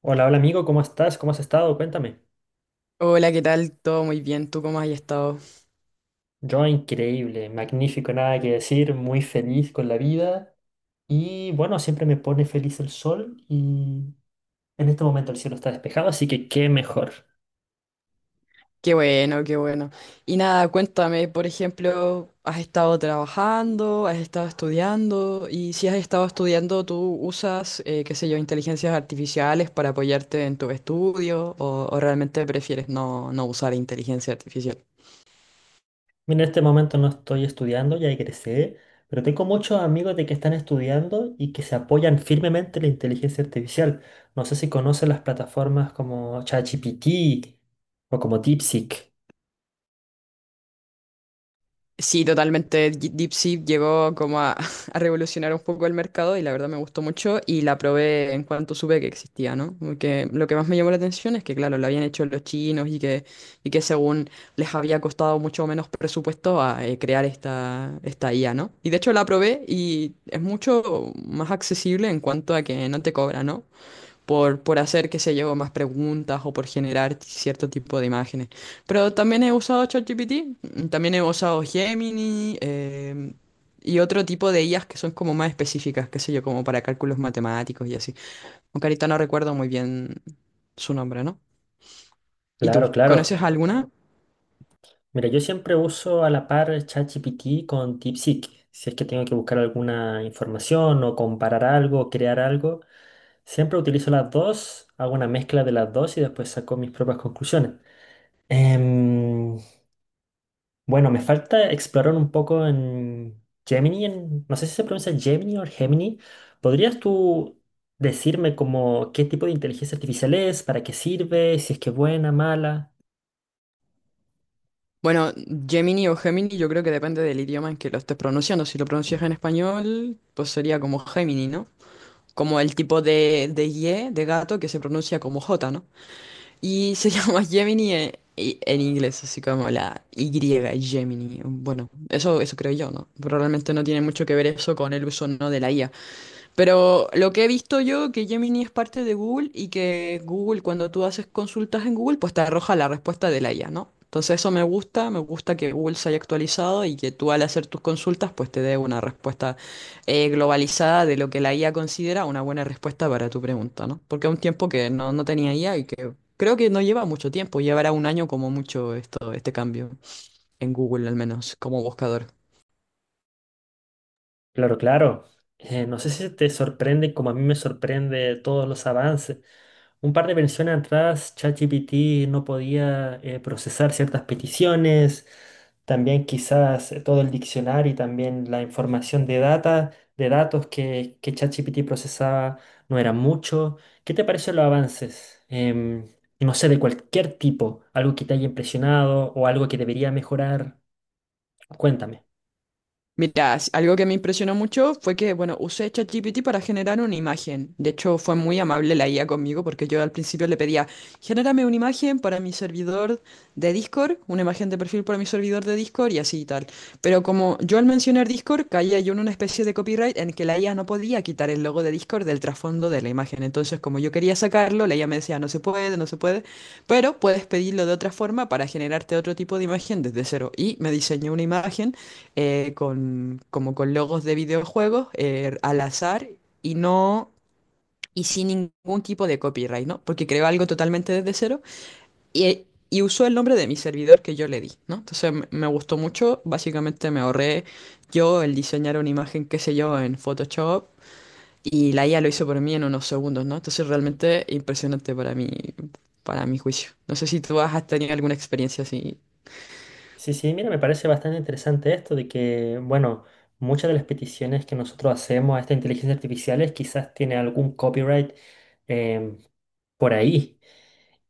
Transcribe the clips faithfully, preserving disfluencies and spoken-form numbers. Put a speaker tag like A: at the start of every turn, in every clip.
A: Hola, hola amigo, ¿cómo estás? ¿Cómo has estado? Cuéntame.
B: Hola, ¿qué tal? Todo muy bien, ¿tú cómo has estado?
A: Yo increíble, magnífico, nada que decir, muy feliz con la vida y bueno, siempre me pone feliz el sol y en este momento el cielo está despejado, así que qué mejor.
B: Qué bueno, qué bueno. Y nada, cuéntame, por ejemplo, ¿has estado trabajando? ¿Has estado estudiando? Y si has estado estudiando, ¿tú usas, eh, qué sé yo, inteligencias artificiales para apoyarte en tu estudio? ¿O, o realmente prefieres no, no usar inteligencia artificial?
A: Mira, en este momento no estoy estudiando, ya egresé, pero tengo muchos amigos de que están estudiando y que se apoyan firmemente en la inteligencia artificial. No sé si conocen las plataformas como ChatGPT o como DeepSeek.
B: Sí, totalmente. Di- DeepSeek llegó como a, a revolucionar un poco el mercado y la verdad me gustó mucho y la probé en cuanto supe que existía, ¿no? Porque lo que más me llamó la atención es que, claro, lo habían hecho los chinos y que, y que según les había costado mucho menos presupuesto a eh, crear esta, esta I A, ¿no? Y de hecho la probé y es mucho más accesible en cuanto a que no te cobra, ¿no? por, por hacer, qué sé yo, más preguntas o por generar cierto tipo de imágenes. Pero también he usado ChatGPT, mm, también he usado Gemini em, y otro tipo de I As que son como más específicas, qué sé yo, como para cálculos matemáticos y así. Aunque ahorita no recuerdo muy bien su nombre, ¿no? ¿Y tú?
A: Claro, claro.
B: ¿Conoces alguna?
A: Mira, yo siempre uso a la par ChatGPT con DeepSeek. Si es que tengo que buscar alguna información o comparar algo crear algo, siempre utilizo las dos, hago una mezcla de las dos y después saco mis propias conclusiones. Em, bueno, me falta explorar un poco en Gemini, en- no sé si se pronuncia Gemini o Gemini. ¿Podrías tú decirme como qué tipo de inteligencia artificial es, para qué sirve, si es que es buena, mala?
B: Bueno, Gemini o Gemini yo creo que depende del idioma en que lo estés pronunciando. Si lo pronuncias en español, pues sería como Gemini, ¿no? Como el tipo de, de Y, de gato, que se pronuncia como J, ¿no? Y se llama Gemini en, y- en inglés, así como la Y, Gemini. Bueno, eso, eso creo yo, ¿no? Pero realmente no tiene mucho que ver eso con el uso, ¿no? de la I A. Pero lo que he visto yo, que Gemini es parte de Google y que Google, cuando tú haces consultas en Google, pues te arroja la respuesta de la I A, ¿no? Entonces eso me gusta, me gusta que Google se haya actualizado y que tú al hacer tus consultas, pues te dé una respuesta eh, globalizada de lo que la I A considera una buena respuesta para tu pregunta, ¿no? Porque es un tiempo que no, no tenía I A y que creo que no lleva mucho tiempo, llevará un año como mucho esto, este cambio en Google, al menos como buscador.
A: Claro, claro. Eh, no sé si te sorprende, como a mí me sorprende todos los avances. Un par de versiones atrás, ChatGPT no podía eh, procesar ciertas peticiones, también quizás eh, todo el diccionario y también la información de data, de datos que, que ChatGPT procesaba no era mucho. ¿Qué te parecen los avances? Em, no sé, de cualquier tipo, algo que te haya impresionado o algo que debería mejorar. Cuéntame.
B: Mira, s- algo que me impresionó mucho fue que, bueno, usé ChatGPT para generar una imagen. De hecho, fue muy amable la I A conmigo porque yo al principio le pedía, genérame una imagen para mi servidor de Discord, una imagen de perfil para mi servidor de Discord y así y tal. Pero como yo al mencionar Discord caía yo en una especie de copyright en que la I A no podía quitar el logo de Discord del trasfondo de la imagen. Entonces, como yo quería sacarlo, la I A me decía, no se puede, no se puede, pero puedes pedirlo de otra forma para generarte otro tipo de imagen desde cero. Y me diseñó una imagen eh, con, como con logos de videojuegos eh, al azar y no y sin ningún tipo de copyright, ¿no? Porque creo algo totalmente desde cero y, y usó el nombre de mi servidor que yo le di, ¿no? Entonces me me gustó mucho, básicamente me ahorré yo el diseñar una imagen, qué sé yo, en Photoshop y la I A lo hizo por mí en unos segundos, ¿no? Entonces realmente impresionante para mí, para mi juicio. No sé si tú has tenido alguna experiencia así.
A: Sí, sí, mira, me parece bastante interesante esto de que, bueno, muchas de las peticiones que nosotros hacemos a esta inteligencia artificial quizás tiene algún copyright em, por ahí.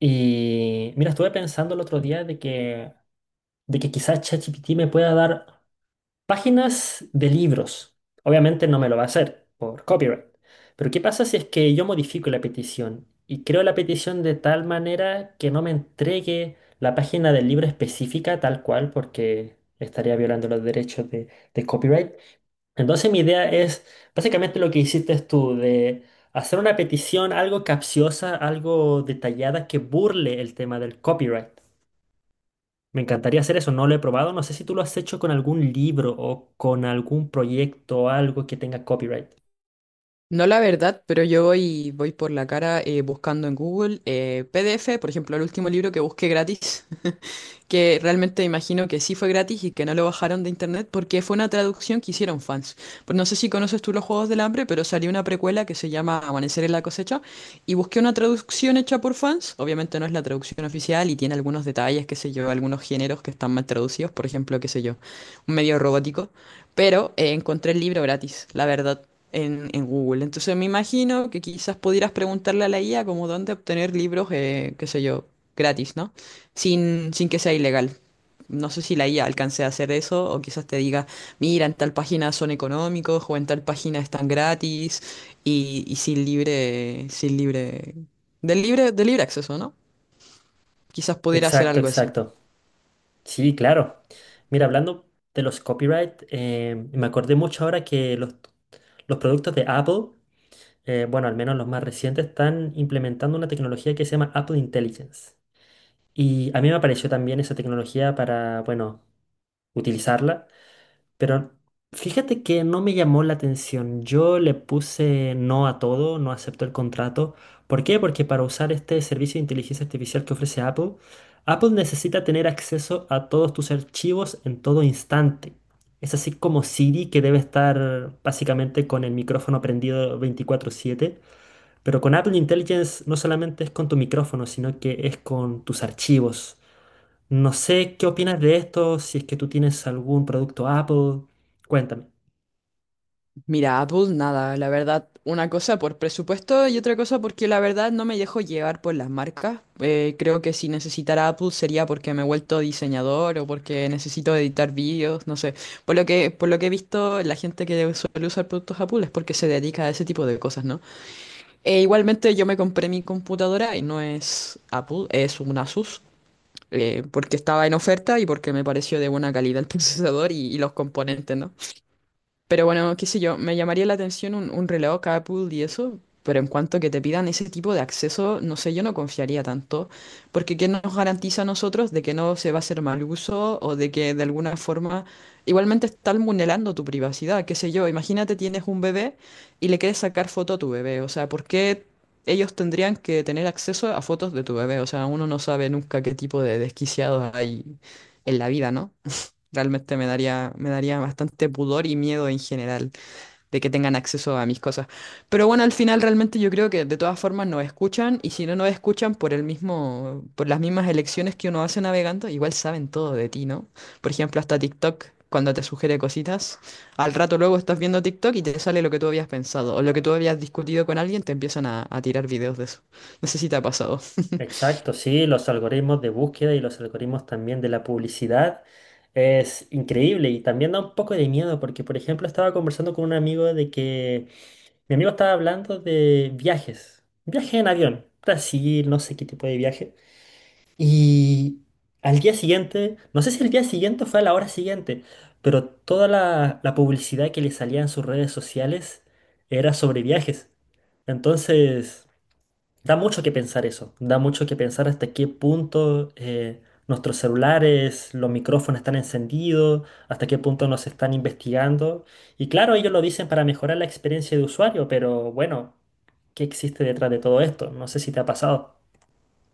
A: Y mira, estuve pensando el otro día de que, de que quizás ChatGPT me pueda dar páginas de libros. Obviamente no me lo va a hacer por copyright. Pero ¿qué pasa si es que yo modifico la petición y creo la petición de tal manera que no me entregue la página del libro específica tal cual porque estaría violando los derechos de, de copyright? Entonces mi idea es básicamente lo que hiciste tú de hacer una petición algo capciosa, algo detallada que burle el tema del copyright. Me encantaría hacer eso, no lo he probado. No sé si tú lo has hecho con algún libro o con algún proyecto o algo que tenga copyright.
B: No la verdad, pero yo voy, voy por la cara eh, buscando en Google eh, P D F, por ejemplo, el último libro que busqué gratis que realmente imagino que sí fue gratis y que no lo bajaron de internet porque fue una traducción que hicieron fans. Pues no sé si conoces tú los Juegos del Hambre, pero salió una precuela que se llama Amanecer en la cosecha y busqué una traducción hecha por fans. Obviamente no es la traducción oficial y tiene algunos detalles, qué sé yo, algunos géneros que están mal traducidos, por ejemplo, qué sé yo, un medio robótico, pero eh, encontré el libro gratis, la verdad en, en Google. Entonces me imagino que quizás pudieras preguntarle a la I A como dónde obtener libros, eh, qué sé yo, gratis, ¿no? sin, sin que sea ilegal. No sé si la I A alcance a hacer eso o quizás te diga, mira, en tal página son económicos o en tal página están gratis y, y sin libre, sin libre, del libre, de libre acceso, ¿no? Quizás pudiera hacer
A: Exacto,
B: algo así.
A: exacto. Sí, claro. Mira, hablando de los copyright, eh, me acordé mucho ahora que los, los productos de Apple, eh, bueno, al menos los más recientes, están implementando una tecnología que se llama Apple Intelligence. Y a mí me apareció también esa tecnología para, bueno, utilizarla. Pero fíjate que no me llamó la atención. Yo le puse no a todo, no acepto el contrato. ¿Por qué? Porque para usar este servicio de inteligencia artificial que ofrece Apple, Apple necesita tener acceso a todos tus archivos en todo instante. Es así como Siri, que debe estar básicamente con el micrófono prendido veinticuatro siete. Pero con Apple Intelligence no solamente es con tu micrófono, sino que es con tus archivos. No sé qué opinas de esto, si es que tú tienes algún producto Apple, cuéntame.
B: Mira, Apple, nada, la verdad, una cosa por presupuesto y otra cosa porque la verdad no me dejo llevar por las marcas. Eh, creo que si necesitara Apple sería porque me he vuelto diseñador o porque necesito editar vídeos, no sé. Por lo que, por lo que he visto, la gente que suele usar productos Apple es porque se dedica a ese tipo de cosas, ¿no? E igualmente yo me compré mi computadora y no es Apple, es un Asus. Eh, porque estaba en oferta y porque me pareció de buena calidad el procesador y, y los componentes, ¿no? Pero bueno, qué sé yo, me llamaría la atención un, un reloj Apple y eso, pero en cuanto que te pidan ese tipo de acceso, no sé, yo no confiaría tanto, porque ¿qué nos garantiza a nosotros de que no se va a hacer mal uso o de que de alguna forma igualmente están vulnerando tu privacidad? Qué sé yo, imagínate tienes un bebé y le quieres sacar foto a tu bebé, o sea, ¿por qué ellos tendrían que tener acceso a fotos de tu bebé? O sea, uno no sabe nunca qué tipo de desquiciados hay en la vida, ¿no? Realmente me daría, me daría bastante pudor y miedo en general de que tengan acceso a mis cosas. Pero bueno, al final realmente yo creo que de todas formas nos escuchan y si no nos escuchan por el mismo, por las mismas elecciones que uno hace navegando, igual saben todo de ti, ¿no? Por ejemplo, hasta TikTok, cuando te sugiere cositas, al rato luego estás viendo TikTok y te sale lo que tú habías pensado o lo que tú habías discutido con alguien, te empiezan a, a tirar videos de eso. No sé si te ha pasado.
A: Exacto, sí, los algoritmos de búsqueda y los algoritmos también de la publicidad es increíble y también da un poco de miedo porque, por ejemplo, estaba conversando con un amigo de que mi amigo estaba hablando de viajes, viaje en avión, Brasil, no sé qué tipo de viaje. Y al día siguiente, no sé si el día siguiente o fue a la hora siguiente, pero toda la, la publicidad que le salía en sus redes sociales era sobre viajes. Entonces, da mucho que pensar eso, da mucho que pensar hasta qué punto eh, nuestros celulares, los micrófonos están encendidos, hasta qué punto nos están investigando. Y claro, ellos lo dicen para mejorar la experiencia de usuario, pero bueno, ¿qué existe detrás de todo esto? No sé si te ha pasado.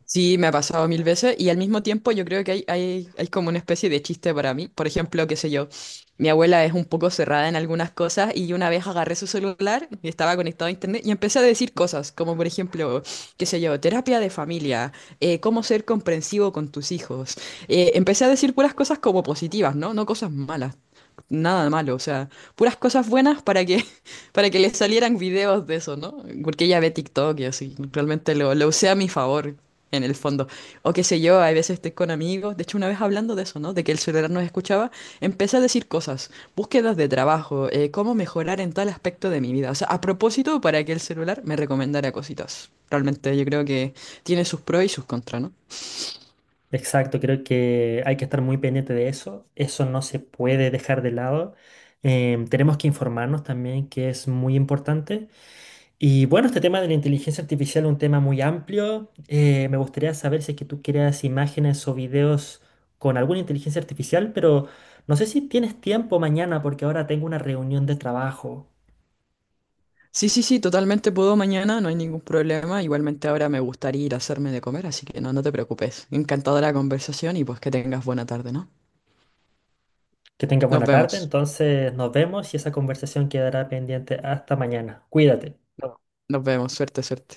B: Sí, me ha pasado mil veces y al mismo tiempo yo creo que hay, hay, hay como una especie de chiste para mí. Por ejemplo, qué sé yo, mi abuela es un poco cerrada en algunas cosas y yo una vez agarré su celular y estaba conectado a internet y empecé a decir cosas como por ejemplo, qué sé yo, terapia de familia, eh, cómo ser comprensivo con tus hijos. Eh, empecé a decir puras cosas como positivas, ¿no? No cosas malas, nada malo, o sea, puras cosas buenas para que para que le salieran videos de eso, ¿no? Porque ella ve TikTok y así, realmente lo, lo usé a mi favor, en el fondo. O qué sé yo, hay veces estoy con amigos, de hecho una vez hablando de eso, ¿no? De que el celular nos escuchaba, empecé a decir cosas, búsquedas de trabajo, eh, cómo mejorar en tal aspecto de mi vida. O sea, a propósito, para que el celular me recomendara cositas. Realmente yo creo que tiene sus pros y sus contras, ¿no?
A: Exacto, creo que hay que estar muy pendiente de eso, eso no se puede dejar de lado. Em, tenemos que informarnos también, que es muy importante. Y bueno, este tema de la inteligencia artificial es un tema muy amplio. Eh, me gustaría saber si es que tú creas imágenes o videos con alguna inteligencia artificial, pero no sé si tienes tiempo mañana porque ahora tengo una reunión de trabajo.
B: Sí, sí, sí, totalmente puedo mañana, no hay ningún problema. Igualmente ahora me gustaría ir a hacerme de comer, así que no, no te preocupes. Encantadora la conversación y pues que tengas buena tarde, ¿no?
A: Que tenga
B: Nos
A: buena tarde,
B: vemos.
A: entonces nos vemos y esa conversación quedará pendiente hasta mañana. Cuídate.
B: No. Nos vemos, suerte, suerte.